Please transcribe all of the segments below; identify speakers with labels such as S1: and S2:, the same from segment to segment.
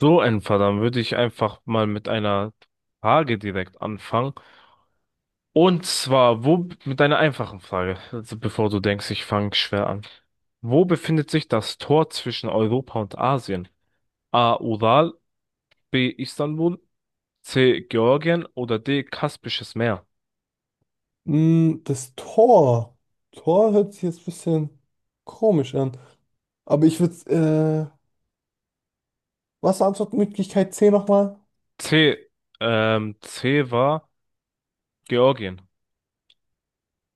S1: So ein Fall, dann würde ich einfach mal mit einer Frage direkt anfangen. Und zwar, mit einer einfachen Frage, also bevor du denkst, ich fange schwer an. Wo befindet sich das Tor zwischen Europa und Asien? A. Ural, B. Istanbul, C. Georgien oder D. Kaspisches Meer?
S2: Das Tor. Tor hört sich jetzt ein bisschen komisch an. Aber ich würde, äh, was war Antwortmöglichkeit C nochmal?
S1: C. C war Georgien.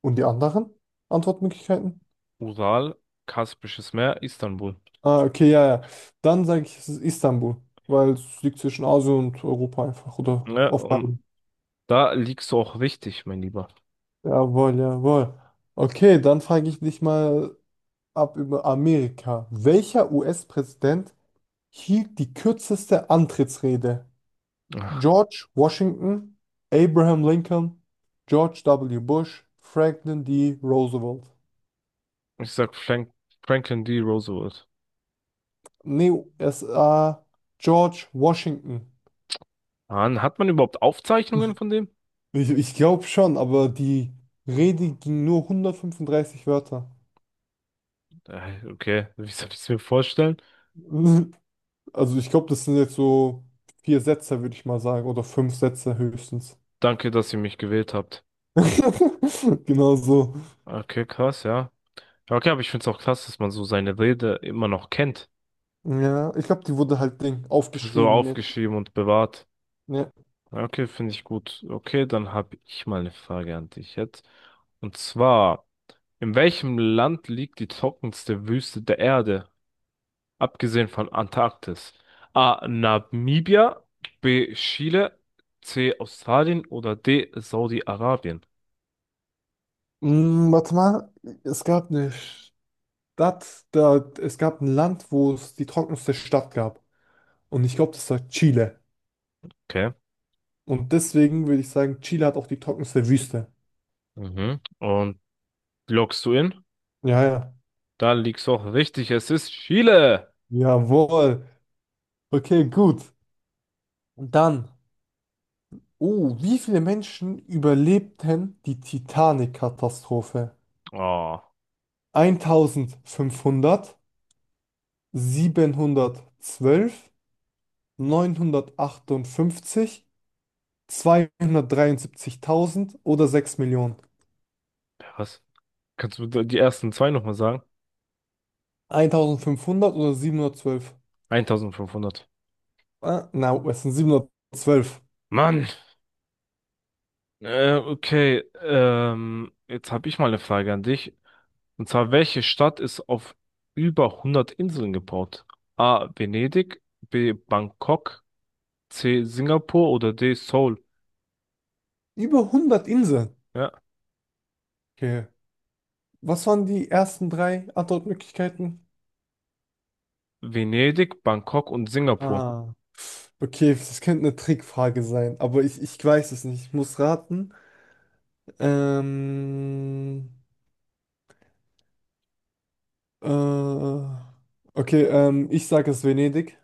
S2: Und die anderen Antwortmöglichkeiten?
S1: Ural, Kaspisches Meer, Istanbul.
S2: Ah, okay, ja, ja. Dann sage ich, es ist Istanbul, weil es liegt zwischen Asien und Europa einfach oder
S1: Ne,
S2: auf beiden.
S1: und da liegst du auch richtig, mein Lieber.
S2: Jawohl, jawohl. Okay, dann frage ich dich mal ab über Amerika. Welcher US-Präsident hielt die kürzeste Antrittsrede? George Washington, Abraham Lincoln, George W. Bush, Franklin D. Roosevelt.
S1: Ich sag Franklin D. Roosevelt.
S2: Nee, es George Washington.
S1: Mann, hat man überhaupt Aufzeichnungen von dem?
S2: Ich glaube schon, aber die Rede ging nur 135 Wörter.
S1: Okay, wie soll ich es mir vorstellen?
S2: Also ich glaube, das sind jetzt so vier Sätze, würde ich mal sagen, oder fünf Sätze höchstens.
S1: Danke, dass ihr mich gewählt habt.
S2: Genau so.
S1: Okay, krass, ja. Ja, okay, aber ich find's auch krass, dass man so seine Rede immer noch kennt.
S2: Ja, ich glaube, die wurde halt Ding
S1: So, mhm,
S2: aufgeschrieben. Mit-
S1: aufgeschrieben und bewahrt.
S2: Ja.
S1: Ja, okay, finde ich gut. Okay, dann habe ich mal eine Frage an dich jetzt. Und zwar, in welchem Land liegt die trockenste Wüste der Erde? Abgesehen von Antarktis. A. Namibia. B. Chile. C. Australien oder D. Saudi-Arabien.
S2: Warte mal, es gab nicht. Das, da, es gab ein Land, wo es die trockenste Stadt gab. Und ich glaube, das war Chile.
S1: Okay.
S2: Und deswegen würde ich sagen, Chile hat auch die trockenste Wüste.
S1: Mhm. Und loggst du in?
S2: Ja, ja.
S1: Da liegst du auch richtig. Es ist Chile.
S2: Jawohl. Okay, gut. Und dann. Oh, wie viele Menschen überlebten die Titanic-Katastrophe?
S1: Oh,
S2: 1500, 712, 958, 273.000 oder 6 Millionen?
S1: ja, was? Kannst du die ersten zwei nochmal sagen?
S2: 1500 oder 712?
S1: 1500.
S2: Ah, na, es sind 712
S1: Mann. Okay. Jetzt habe ich mal eine Frage an dich. Und zwar, welche Stadt ist auf über 100 Inseln gebaut? A. Venedig. B. Bangkok. C. Singapur oder D. Seoul.
S2: Über 100 Inseln.
S1: Ja.
S2: Okay. Was waren die ersten drei Antwortmöglichkeiten?
S1: Venedig, Bangkok und Singapur.
S2: Ah, okay, das könnte eine Trickfrage sein, aber ich weiß es nicht. Ich muss raten. Ähm, äh, okay, ich sage es Venedig.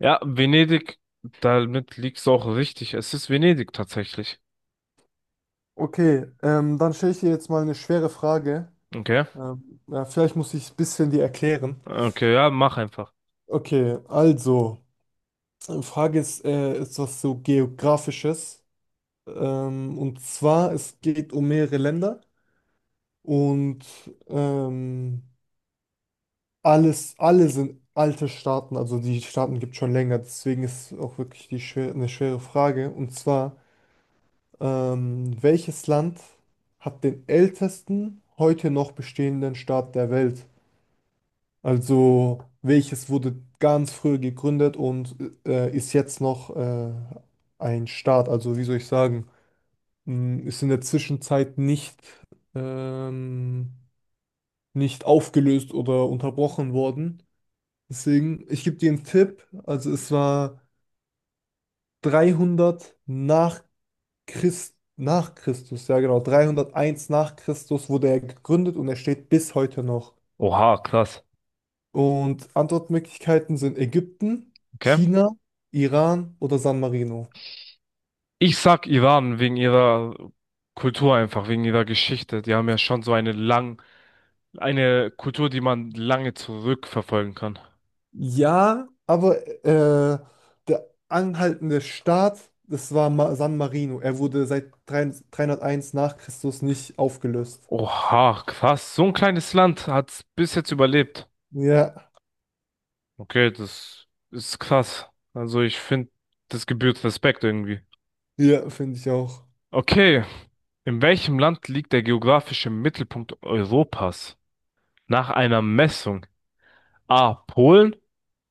S1: Ja, Venedig, damit liegt's auch richtig. Es ist Venedig tatsächlich.
S2: Okay, dann stelle ich dir jetzt mal eine schwere Frage.
S1: Okay.
S2: Ja, vielleicht muss ich ein bisschen die erklären.
S1: Okay, ja, mach einfach.
S2: Okay, also, Frage ist, ist was so Geografisches. Und zwar, es geht um mehrere Länder und ähm, alle sind alte Staaten, also die Staaten gibt es schon länger, deswegen ist auch wirklich die schwer, eine schwere Frage. Und zwar, welches Land hat den ältesten heute noch bestehenden Staat der Welt? Also welches wurde ganz früh gegründet und ist jetzt noch ein Staat? Also wie soll ich sagen? Ist in der Zwischenzeit nicht, ähm, nicht aufgelöst oder unterbrochen worden. Deswegen, ich gebe dir einen Tipp. Also es war 300 nach Christus, ja genau, 301 nach Christus wurde er gegründet und er steht bis heute noch.
S1: Oha, krass.
S2: Und Antwortmöglichkeiten sind Ägypten,
S1: Okay.
S2: China, Iran oder San Marino.
S1: Ich sag Iran wegen ihrer Kultur einfach, wegen ihrer Geschichte. Die haben ja schon so eine lang, eine Kultur, die man lange zurückverfolgen kann.
S2: Ja, aber äh, der anhaltende Staat, das war Ma San Marino. Er wurde seit 3 nach Christus nicht aufgelöst.
S1: Oha, krass. So ein kleines Land hat's bis jetzt überlebt.
S2: Ja,
S1: Okay, das ist krass. Also ich finde, das gebührt Respekt irgendwie.
S2: ja, finde ich auch.
S1: Okay, in welchem Land liegt der geografische Mittelpunkt Europas? Nach einer Messung. A. Polen,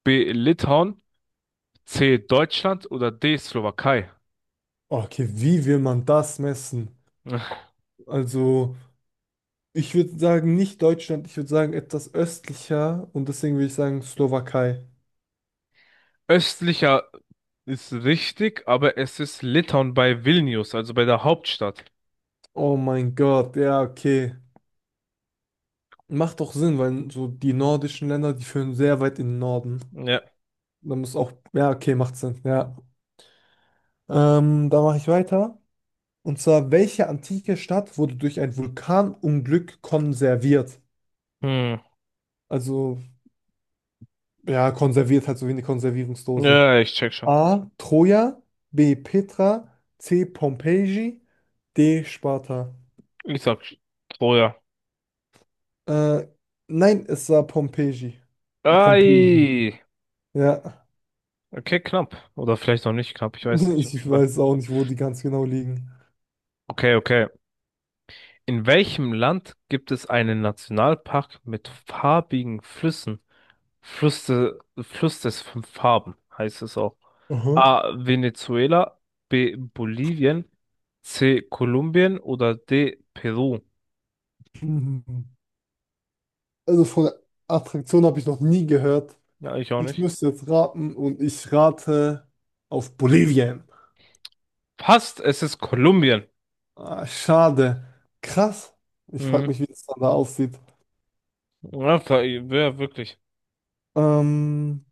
S1: B. Litauen, C. Deutschland oder D. Slowakei?
S2: Okay, wie will man das messen? Also, ich würde sagen, nicht Deutschland, ich würde sagen, etwas östlicher und deswegen würde ich sagen Slowakei.
S1: Östlicher ist richtig, aber es ist Litauen bei Vilnius, also bei der Hauptstadt.
S2: Oh mein Gott, ja, okay. Macht doch Sinn, weil so die nordischen Länder, die führen sehr weit in den Norden.
S1: Ja.
S2: Da muss auch, ja, okay, macht Sinn, ja. Da mache ich weiter. Und zwar, welche antike Stadt wurde durch ein Vulkanunglück konserviert?
S1: Hm.
S2: Also, ja, konserviert halt so wie eine Konservierungsdose.
S1: Ja, ich check schon.
S2: A. Troja, B. Petra, C. Pompeji, D. Sparta.
S1: Ich sag Troja.
S2: Äh, nein, es war Pompeji. Pompeji.
S1: Ei.
S2: Ja,
S1: Okay, knapp. Oder vielleicht noch nicht knapp, ich weiß nicht.
S2: ich weiß auch nicht, wo die ganz genau liegen.
S1: Okay, okay. In welchem Land gibt es einen Nationalpark mit farbigen Flüssen? Fluss des fünf Farben heißt es auch.
S2: Aha.
S1: A. Venezuela, B. Bolivien, C. Kolumbien oder D. Peru?
S2: Mhm. Also von der Attraktion habe ich noch nie gehört.
S1: Ja, ich auch
S2: Ich
S1: nicht.
S2: müsste jetzt raten und ich rate auf Bolivien.
S1: Passt, es ist Kolumbien.
S2: Ah, schade. Krass. Ich
S1: Mhm.
S2: frage mich, wie das dann da aussieht.
S1: Ja, wäre wirklich.
S2: Ähm,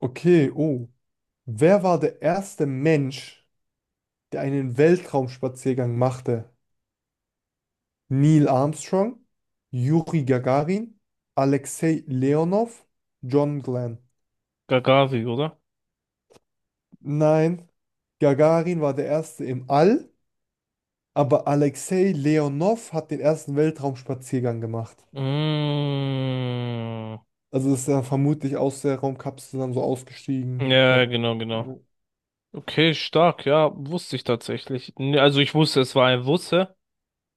S2: okay, oh. Wer war der erste Mensch, der einen Weltraumspaziergang machte? Neil Armstrong, Juri Gagarin, Alexei Leonov, John Glenn.
S1: Gagavi, oder?
S2: Nein, Gagarin war der erste im All, aber Alexei Leonov hat den ersten Weltraumspaziergang gemacht.
S1: Mhm.
S2: Also ist er vermutlich aus der Raumkapsel dann so ausgestiegen.
S1: Ja, genau, genau. Okay, stark, ja, wusste ich tatsächlich. Nee, also ich wusste, es war ein Russe,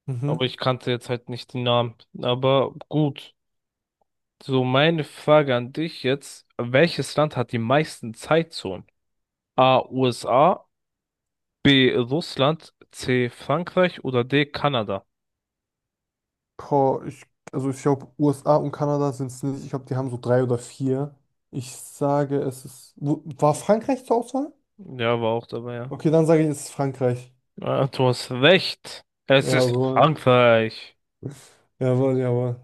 S2: Mhm.
S1: aber ich kannte jetzt halt nicht den Namen. Aber gut. So, meine Frage an dich jetzt. Welches Land hat die meisten Zeitzonen? A. USA, B. Russland, C. Frankreich oder D. Kanada?
S2: Boah, also ich glaube, USA und Kanada sind es nicht. Ich glaube, die haben so drei oder vier. Ich sage, es ist. War Frankreich zur Auswahl?
S1: Ja, war auch dabei, ja.
S2: Okay, dann sage ich, es ist Frankreich.
S1: Ah, du hast recht. Es ist
S2: Jawohl.
S1: Frankreich.
S2: Jawohl, jawohl.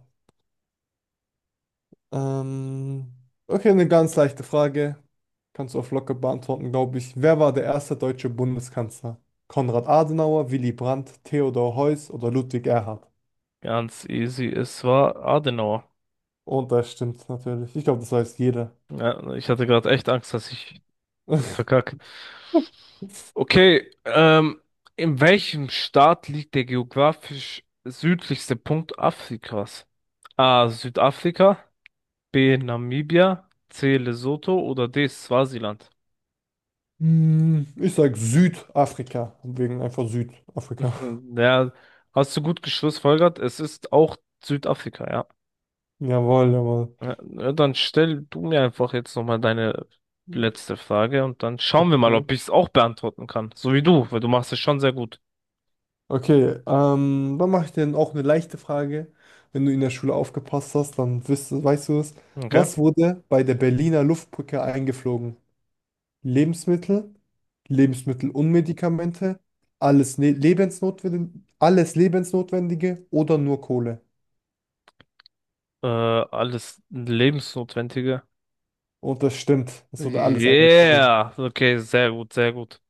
S2: Ähm, okay, eine ganz leichte Frage. Kannst du auf locker beantworten, glaube ich. Wer war der erste deutsche Bundeskanzler? Konrad Adenauer, Willy Brandt, Theodor Heuss oder Ludwig Erhard?
S1: Ganz easy. Es war Adenauer.
S2: Und das stimmt natürlich. Ich glaube, das weiß jeder.
S1: Ja, ich hatte gerade echt Angst, dass ich das ist verkackt. Okay, in welchem Staat liegt der geografisch südlichste Punkt Afrikas? A. Südafrika, B. Namibia, C. Lesotho oder D. Swasiland?
S2: Ich sag Südafrika, wegen einfach Südafrika.
S1: Hm, ja, hast du gut geschlussfolgert? Es ist auch Südafrika, ja.
S2: Jawohl, jawohl.
S1: Ja, na, dann stell du mir einfach jetzt nochmal deine letzte Frage und dann schauen wir mal,
S2: Okay,
S1: ob ich es auch beantworten kann. So wie du, weil du machst es schon sehr gut.
S2: okay dann mache ich dir auch eine leichte Frage. Wenn du in der Schule aufgepasst hast, dann wirst du, weißt du es.
S1: Okay.
S2: Was wurde bei der Berliner Luftbrücke eingeflogen? Lebensmittel, Lebensmittel und Medikamente, alles, ne Lebensnotwendige, alles Lebensnotwendige oder nur Kohle?
S1: Alles Lebensnotwendige.
S2: Und das stimmt, es wurde alles eingeflogen.
S1: Yeah. Okay, sehr gut, sehr gut.